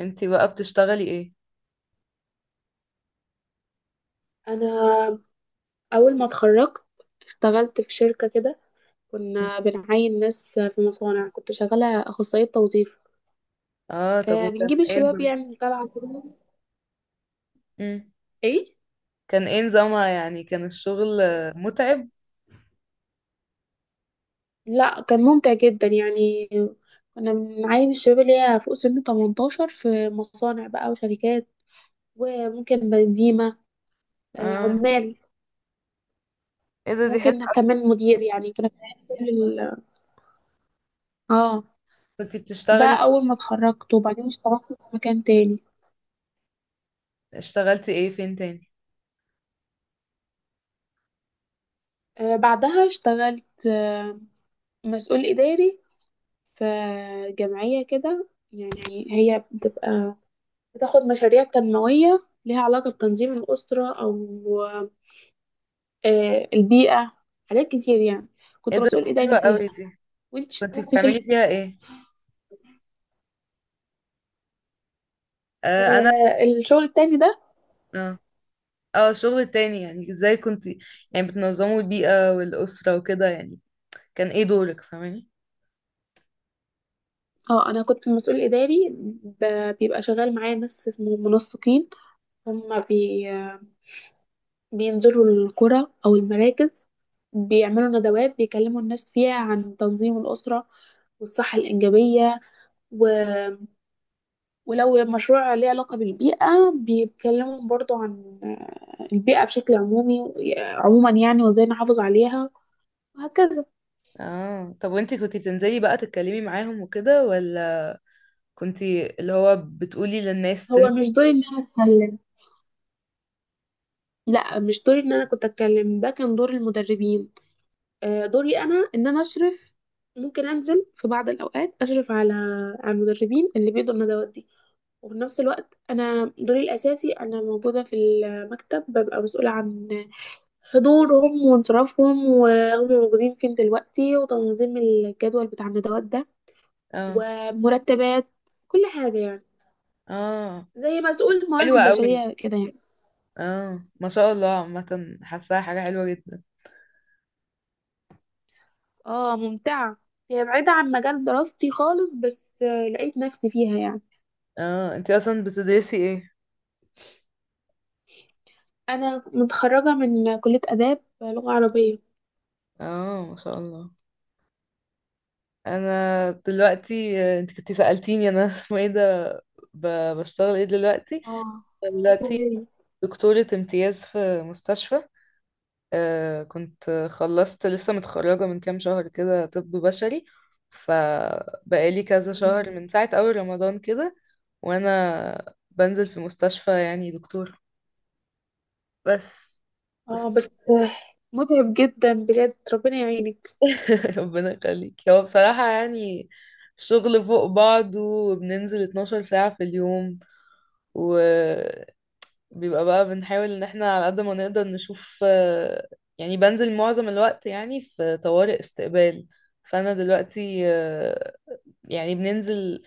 انتي بقى بتشتغلي ايه؟ انا اول ما اتخرجت اشتغلت في شركه كده. مم. كنا بنعين ناس في مصانع، كنت شغاله اخصائيه توظيف. اه، طب بنجيب الشباب يعني، طالعه كده. مم. ايه، كان ايه نظامها، يعني كان الشغل متعب؟ لا كان ممتع جدا يعني. كنا بنعين الشباب اللي هي فوق سن 18 في مصانع بقى وشركات، وممكن بنزيمه، آه اه، عمال، ايه ده، دي حلوة. ممكن كمان مدير. يعني كنا بنعين كل ال- اه كنتي ده. بتشتغلي؟ اول ما اتخرجت، وبعدين اشتغلت في مكان تاني. اشتغلتي ايه، فين تاني؟ آه، بعدها اشتغلت مسؤول إداري في جمعية كده. يعني هي بتبقى بتاخد مشاريع تنموية ليها علاقة بتنظيم الأسرة أو البيئة، حاجات كتير يعني. ايه كنت ده، مسؤول دي حلوة إداري فيها. قوي دي. وانت كنتي اشتغلت فين؟ بتعملي فيها ايه؟ آه انا الشغل التاني ده. اه اه، الشغل التاني، يعني ازاي كنتي، يعني بتنظموا البيئة والأسرة وكده، يعني كان ايه دورك؟ فاهماني؟ اه انا كنت مسؤول اداري، بيبقى شغال معايا ناس اسمهم منسقين. هم بي بينزلوا القرى او المراكز، بيعملوا ندوات، بيكلموا الناس فيها عن تنظيم الاسره والصحه الانجابيه و- ولو مشروع ليه علاقة بالبيئة بيتكلموا برضو عن البيئة بشكل عمومي، عموما يعني، وازاي نحافظ عليها وهكذا. اه، طب وانتي كنتي بتنزلي بقى تتكلمي معاهم وكده، ولا كنتي اللي هو بتقولي للناس هو مش دوري ان انا اتكلم، لا مش دوري ان انا كنت اتكلم، ده كان دور المدربين. دوري انا ان انا اشرف. ممكن انزل في بعض الاوقات اشرف على المدربين اللي بيدوا الندوات دي. وفي نفس الوقت انا دوري الاساسي انا موجودة في المكتب، ببقى مسؤولة عن حضورهم وانصرافهم وهم موجودين فين دلوقتي، وتنظيم الجدول بتاع الندوات ده، اه، ومرتبات، كل حاجة يعني. اه، زي مسؤول الموارد حلوة قوي. البشرية كده يعني. اه، ما شاء الله، عامة حاساها حاجة حلوة جدا. اه ممتعة، هي بعيدة عن مجال دراستي خالص، بس لقيت نفسي فيها يعني. اه، انتي اصلا بتدرسي ايه؟ أنا متخرجة من كلية آداب لغة عربية. اه، ما شاء الله. انا دلوقتي، انت كنتي سألتيني انا، اسمه ايه ده؟ بشتغل ايه دلوقتي؟ اه أنا عايزة دلوقتي أغير. دكتورة امتياز في مستشفى. كنت خلصت، لسه متخرجة من كام شهر كده، طب بشري. فبقالي كذا شهر من ساعة اول رمضان كده، وانا بنزل في مستشفى، يعني دكتور، بس. اه بس متعب جدا بجد، ربنا يعينك. ربنا يخليك. هو بصراحة يعني الشغل فوق بعضه، وبننزل 12 ساعة في اليوم، وبيبقى، بقى بنحاول ان احنا على قد ما نقدر نشوف، يعني بنزل معظم الوقت، يعني في طوارئ استقبال. فانا دلوقتي يعني بننزل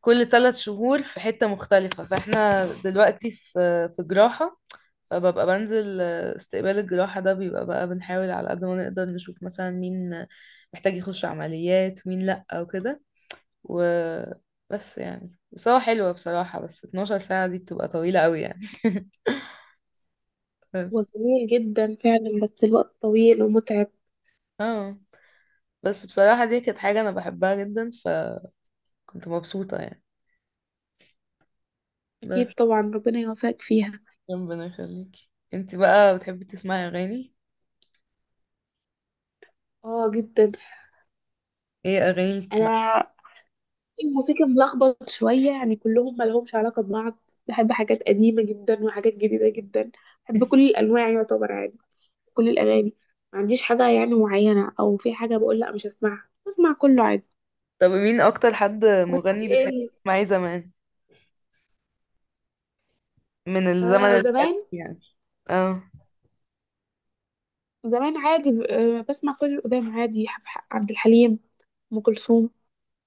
كل ثلاث شهور في حتة مختلفة. فاحنا دلوقتي في في جراحة. فببقى بنزل استقبال الجراحة ده، بيبقى بقى بنحاول على قد ما نقدر نشوف مثلا مين محتاج يخش عمليات، مين لأ، وكده، وبس يعني. بس هو حلوة بصراحة، بس 12 ساعة دي بتبقى طويلة قوي يعني، هو بس. جميل جدا فعلا، بس الوقت طويل ومتعب. اه، بس بصراحة دي كانت حاجة أنا بحبها جدا، فكنت مبسوطة يعني، بس. أكيد طبعا، ربنا يوفقك فيها. ربنا يخليكي. انتي بقى بتحبي تسمعي أغاني؟ اه جدا. ايه أغاني بتسمعي؟ أنا الموسيقى ملخبط شوية يعني، كلهم ملهمش علاقة ببعض. بحب حاجات قديمة جدا وحاجات جديدة جدا. بحب كل الأنواع يعتبر عادي، كل الأغاني، ما عنديش حاجة يعني معينة، أو في حاجة بقول لأ مش هسمعها، بسمع كله عادي. طب مين اكتر حد وانت مغني بتحبي ايه؟ تسمعيه زمان؟ من الزمن آه انا، القديم زمان. يعني. اه. زمان عادي، بسمع كل القدام عادي. عبد الحليم، أم كلثوم،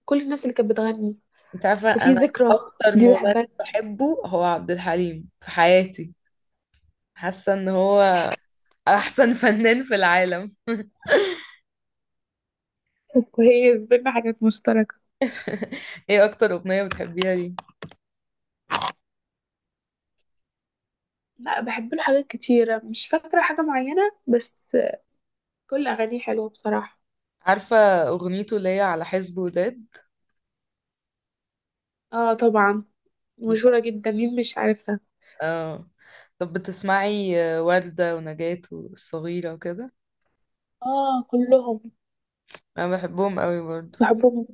كل الناس اللي كانت بتغني. انت عارفه، وفي انا ذكرى اكتر دي مغني بحبها. بحبه هو عبد الحليم في حياتي. حاسه ان هو احسن فنان في العالم. كويس، بينا حاجات مشتركة. ايه اكتر اغنيه بتحبيها ليه؟ لا بحب له حاجات كتيرة مش فاكرة حاجة معينة، بس كل أغانيه حلوة بصراحة. عارفه اغنيته اللي هي على حزب وداد، اه طبعا، دي بقى- مشهورة جدا، مين مش عارفها. اه، طب بتسمعي وردة ونجاة والصغيرة وكده؟ اه كلهم، انا بحبهم قوي برضو. بحبهم.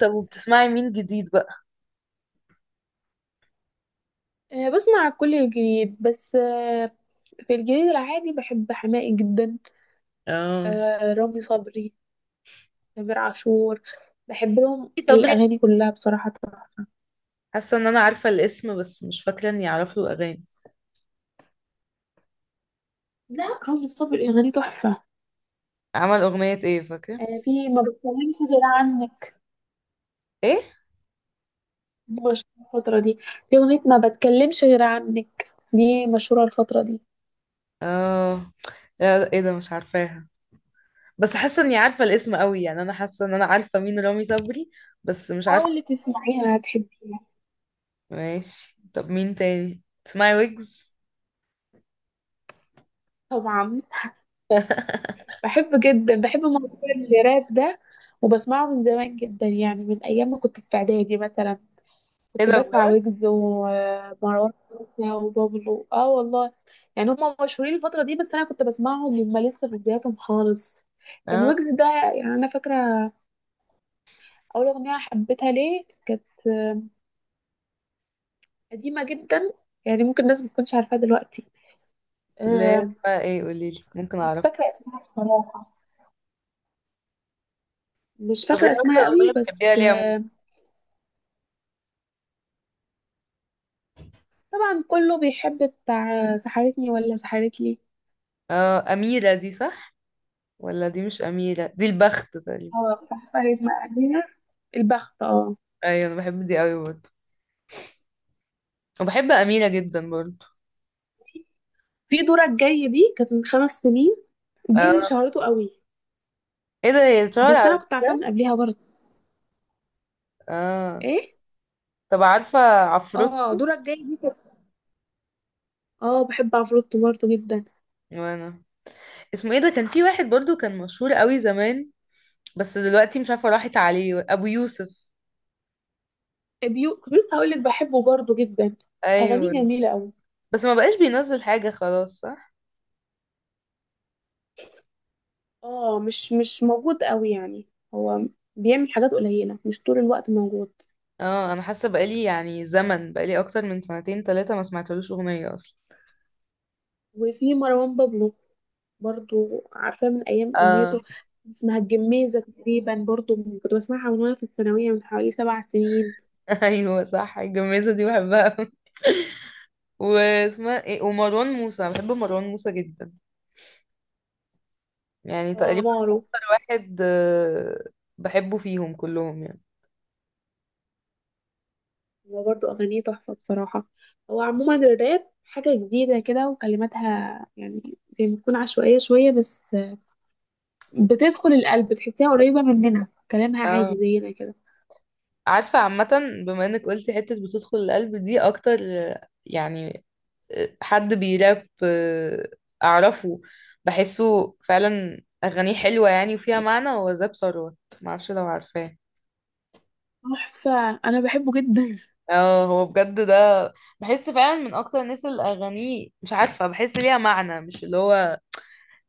طب وبتسمعي مين جديد بقى؟ آه بسمع كل الجديد، بس في الجديد العادي بحب حماقي جدا. اه، آه رامي صبري، تامر عاشور، بحب لهم صبري. الأغاني كلها بصراحة تحفة. حاسه ان انا عارفه الاسم بس مش فاكره اني اعرف له اغاني. لا رامي صبري أغاني تحفة. عمل اغنيه ايه، فاكره؟ في ما بتكلمش غير عنك، ايه؟ مشهورة الفترة دي. في أغنية ما بتكلمش غير عنك دي مشهورة الفترة دي. اه، لا، لا، ايه ده، مش عارفاها. بس حاسه اني عارفه الاسم قوي يعني، انا حاسه ان انا عارفه مين رامي صبري، بس مش عارفه. حاولي تسمعيها هتحبيها. ماشي، طب مين تاني تسمعي؟ ويجز؟ طبعا، بحب جدا، بحب موضوع الراب ده وبسمعه من زمان جدا يعني. من أيام ما كنت في إعدادي مثلا ايه كنت ده، بسمع بجد؟ ويجز ومروان موسى وبابلو. اه والله، يعني هما مشهورين الفترة دي، بس أنا كنت بسمعهم وهم لسه في بداياتهم خالص. كان اه، ويجز ده يعني، أنا فاكرة أول أغنية حبيتها ليه كانت قديمة جدا، يعني ممكن الناس ما تكونش عارفاها دلوقتي. اللي هي آه، اسمها ايه؟ قوليلي ممكن اعرف. فاكرة اسمها إيه؟ بصراحة مش طب ايه فاكرة اكتر اسمها اغنيه قوي، بس بتحبيها ليه عموما؟ طبعا كله بيحب بتاع سحرتني ولا سحرت لي. اه، اميره دي، صح؟ ولا دي مش اميره، دي البخت تقريبا. اه بتاع فايز مقادير، البخت، اه. ايوه، انا بحب دي قوي برضه، وبحب اميره جدا برضه. في دورك جاي دي كانت من 5 سنين، دي اللي آه. شهرته قوي، ايه ده، هي اتشهر بس انا على كنت عارفاها ده. من قبلها برضه. اه، ايه. طب عارفة عفروت؟ اه دورك جاي دي كانت. اه بحب عفروتو برضه جدا. وانا، اسمه ايه ده، كان في واحد برضو كان مشهور قوي زمان، بس دلوقتي مش عارفة راحت عليه، ابو يوسف. بيو كنت لسه هقول لك بحبه برضه جدا، اغانيه ايوه، جميلة قوي. بس ما بقاش بينزل حاجة خلاص، صح؟ اه مش موجود قوي يعني. هو بيعمل حاجات قليلة، مش طول الوقت موجود. اه، انا حاسة بقالي يعني زمن، بقالي اكتر من سنتين ثلاثة ما سمعتلوش اغنية اصلا. وفي مروان بابلو برضو عارفاه من أيام اه. أغنيته اسمها الجميزة تقريبا، برضو كنت بسمعها من وأنا في الثانوية، من حوالي 7 سنين. ايوه صح، الجميزة دي بحبها أوي. واسمها ايه؟ ومروان موسى، انا بحب مروان موسى جدا، يعني اه تقريبا مارو، اكتر واحد بحبه فيهم كلهم يعني. هو برضو أغانيه تحفة بصراحة. هو عموما الراب حاجة جديدة كده، وكلماتها يعني زي ما تكون عشوائية شوية، بس بس- بتدخل القلب، تحسيها قريبة مننا، كلامها اه، عادي زينا كده. عارفة، عامة بما انك قلتي حتة بتدخل القلب دي اكتر يعني حد بيراب اعرفه، بحسه فعلا اغانيه حلوة يعني وفيها معنى، هو زاب ثروت، معرفش لو عارفاه. تحفة، أنا بحبه جدا. اه، هو بجد ده، بحس فعلا من اكتر الناس اللي اغانيه، مش عارفة، بحس ليها معنى، مش اللي هو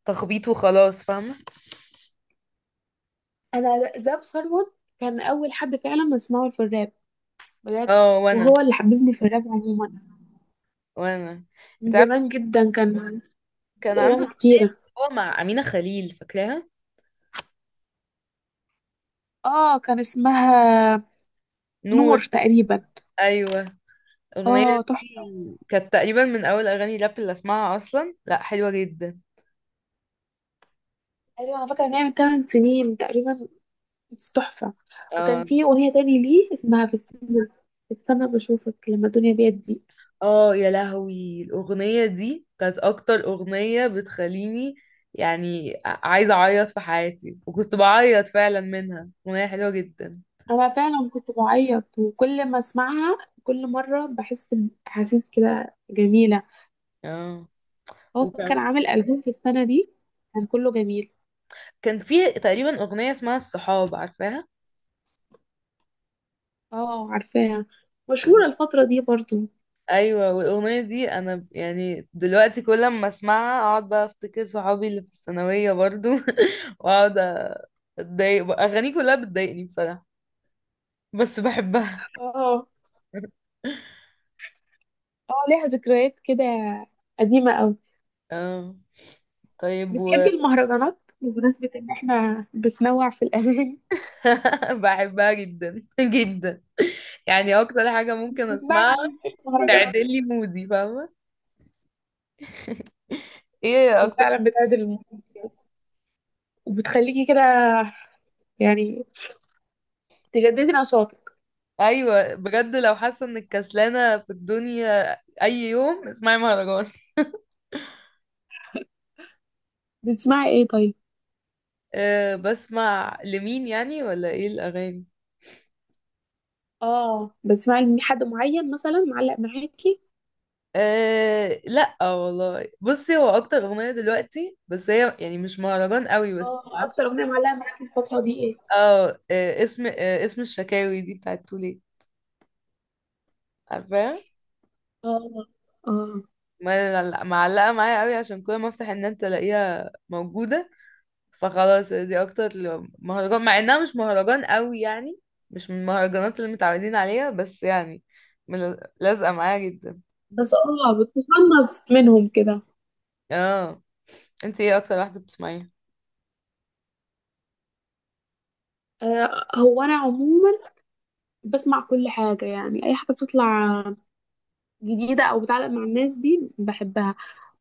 تخبيط وخلاص، فاهمة؟ انا زاب ثروت كان اول حد فعلا اسمعه في الراب بجد، اه، وانا، وهو اللي حببني في الراب عموما. وانا من انت زمان عارفة؟ جدا كان كان عنده اغاني اغنية، كتيره. هو مع أمينة خليل، فاكراها؟ اه كان اسمها نور. نور تقريبا. ايوه، الأغنية اه تحفه. دي كانت تقريبا من أول أغاني راب اللي أسمعها أصلا، لأ حلوة جدا. ايوه انا فاكره ان هي من 8 سنين تقريبا، بس تحفه. اه، وكان في اغنيه تاني ليه اسمها في السنه، في السنه بشوفك لما الدنيا بيضيق. اه، يا لهوي، الأغنية دي كانت أكتر أغنية بتخليني، يعني عايزة أعيط في حياتي، وكنت بعيط فعلا منها. أغنية حلوة جدا. انا فعلا كنت بعيط، وكل ما اسمعها كل مره بحس باحاسيس كده جميله. اه، هو وكان كان عامل ألبوم في السنة دي، كان كله جميل. كان في تقريبا أغنية اسمها الصحاب، عارفاها؟ اه عارفاها، مشهورة الفترة دي برضو. أيوة، والأغنية دي أنا، يعني دلوقتي كل ما أسمعها أقعد بقى أفتكر صحابي اللي في الثانوية برضو. واقعد اتضايق بقى. اغانيه كلها بتضايقني بصراحة، بس بحبها. اه. اه ليها ذكريات كده قديمة أوي. اه، طيب و بتحبي المهرجانات؟ بمناسبة إن احنا بتنوع في الأغاني. بحبها جدا، جدا. يعني اكتر حاجة ممكن بتسمعي اسمعها مين في المهرجانات؟ تعدل لي مودي، فاهمة؟ ايه اكتر؟ وفعلا بتعدل المود، وبتخليكي كده يعني تجددي نشاطك. ايوه بجد، لو حاسة انك كسلانة في الدنيا، اي يوم اسمعي مهرجان. بتسمعي ايه طيب؟ أه، بسمع لمين يعني، ولا ايه الاغاني؟ اه، بتسمعي لمين؟ حد معين مثلا معلق معاكي؟ أه، لا والله، بصي، هو اكتر اغنية دلوقتي، بس هي يعني مش مهرجان قوي، بس. اه أكتر أغنية معلقة معاكي الفترة دي ايه؟ اه، اسم الشكاوي دي بتاعت تولي، عارفاها؟ اه. اه معلقة معايا قوي عشان كل ما افتح النت الاقيها موجودة. فخلاص دي اكتر مهرجان، مع انها مش مهرجان قوي يعني، مش من المهرجانات اللي متعودين عليها، بس يعني لازقة معايا جدا. بس بتتخلص منهم كده. اه، انت ايه اكتر واحدة بتسمعيها؟ هو انا عموما بسمع كل حاجه يعني، اي حاجه بتطلع جديده او بتعلق مع الناس دي بحبها.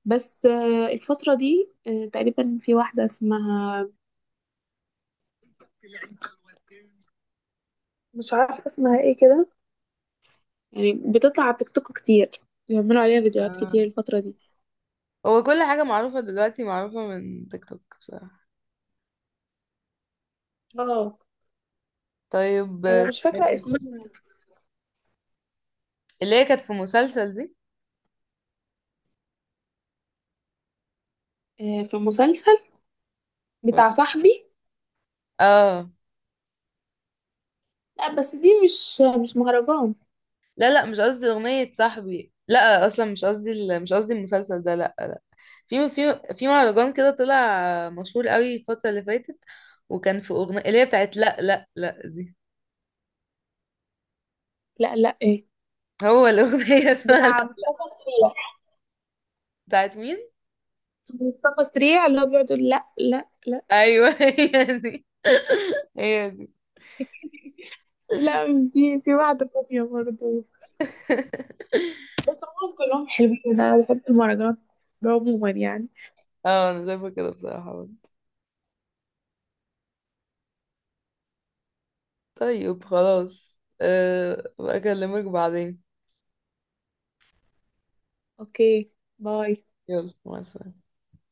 بس الفتره دي تقريبا في واحده اسمها، مش عارفه اسمها ايه كده، يعني بتطلع على تيك توك كتير، بيعملوا عليها فيديوهات كتير اه، الفتره دي. هو كل حاجة معروفة دلوقتي، معروفة من تيك توك بصراحة. اه طيب انا مش فاكره اسمها. اللي هي كانت في مسلسل دي، في مسلسل ولا- بتاع صاحبي، اه، لا بس دي مش مهرجان. لا لا، مش قصدي أغنية صاحبي، لا أصلا مش قصدي مش قصدي المسلسل ده، لا لا. في مهرجان كده طلع مشهور قوي الفترة اللي فاتت، وكان في أغنية اللي هي بتاعت لا لا لا دي. لا لا ايه. هو الأغنية، اسمها بتاع لا، مصطفى سعيد، بتاعت مين؟ مصطفى سريع اللي هو بيقعد يقول لا لا لا. أيوه، هي دي، هي دي. لا مش دي، في واحدة تانية برضه. بس هم كلهم حلوين، أنا بحب المهرجانات عموما يعني. اه، أنا شايفة كده بصراحة. طيب خلاص، أه بكلمك بعدين. أوكي، باي. يلا مع السلامة.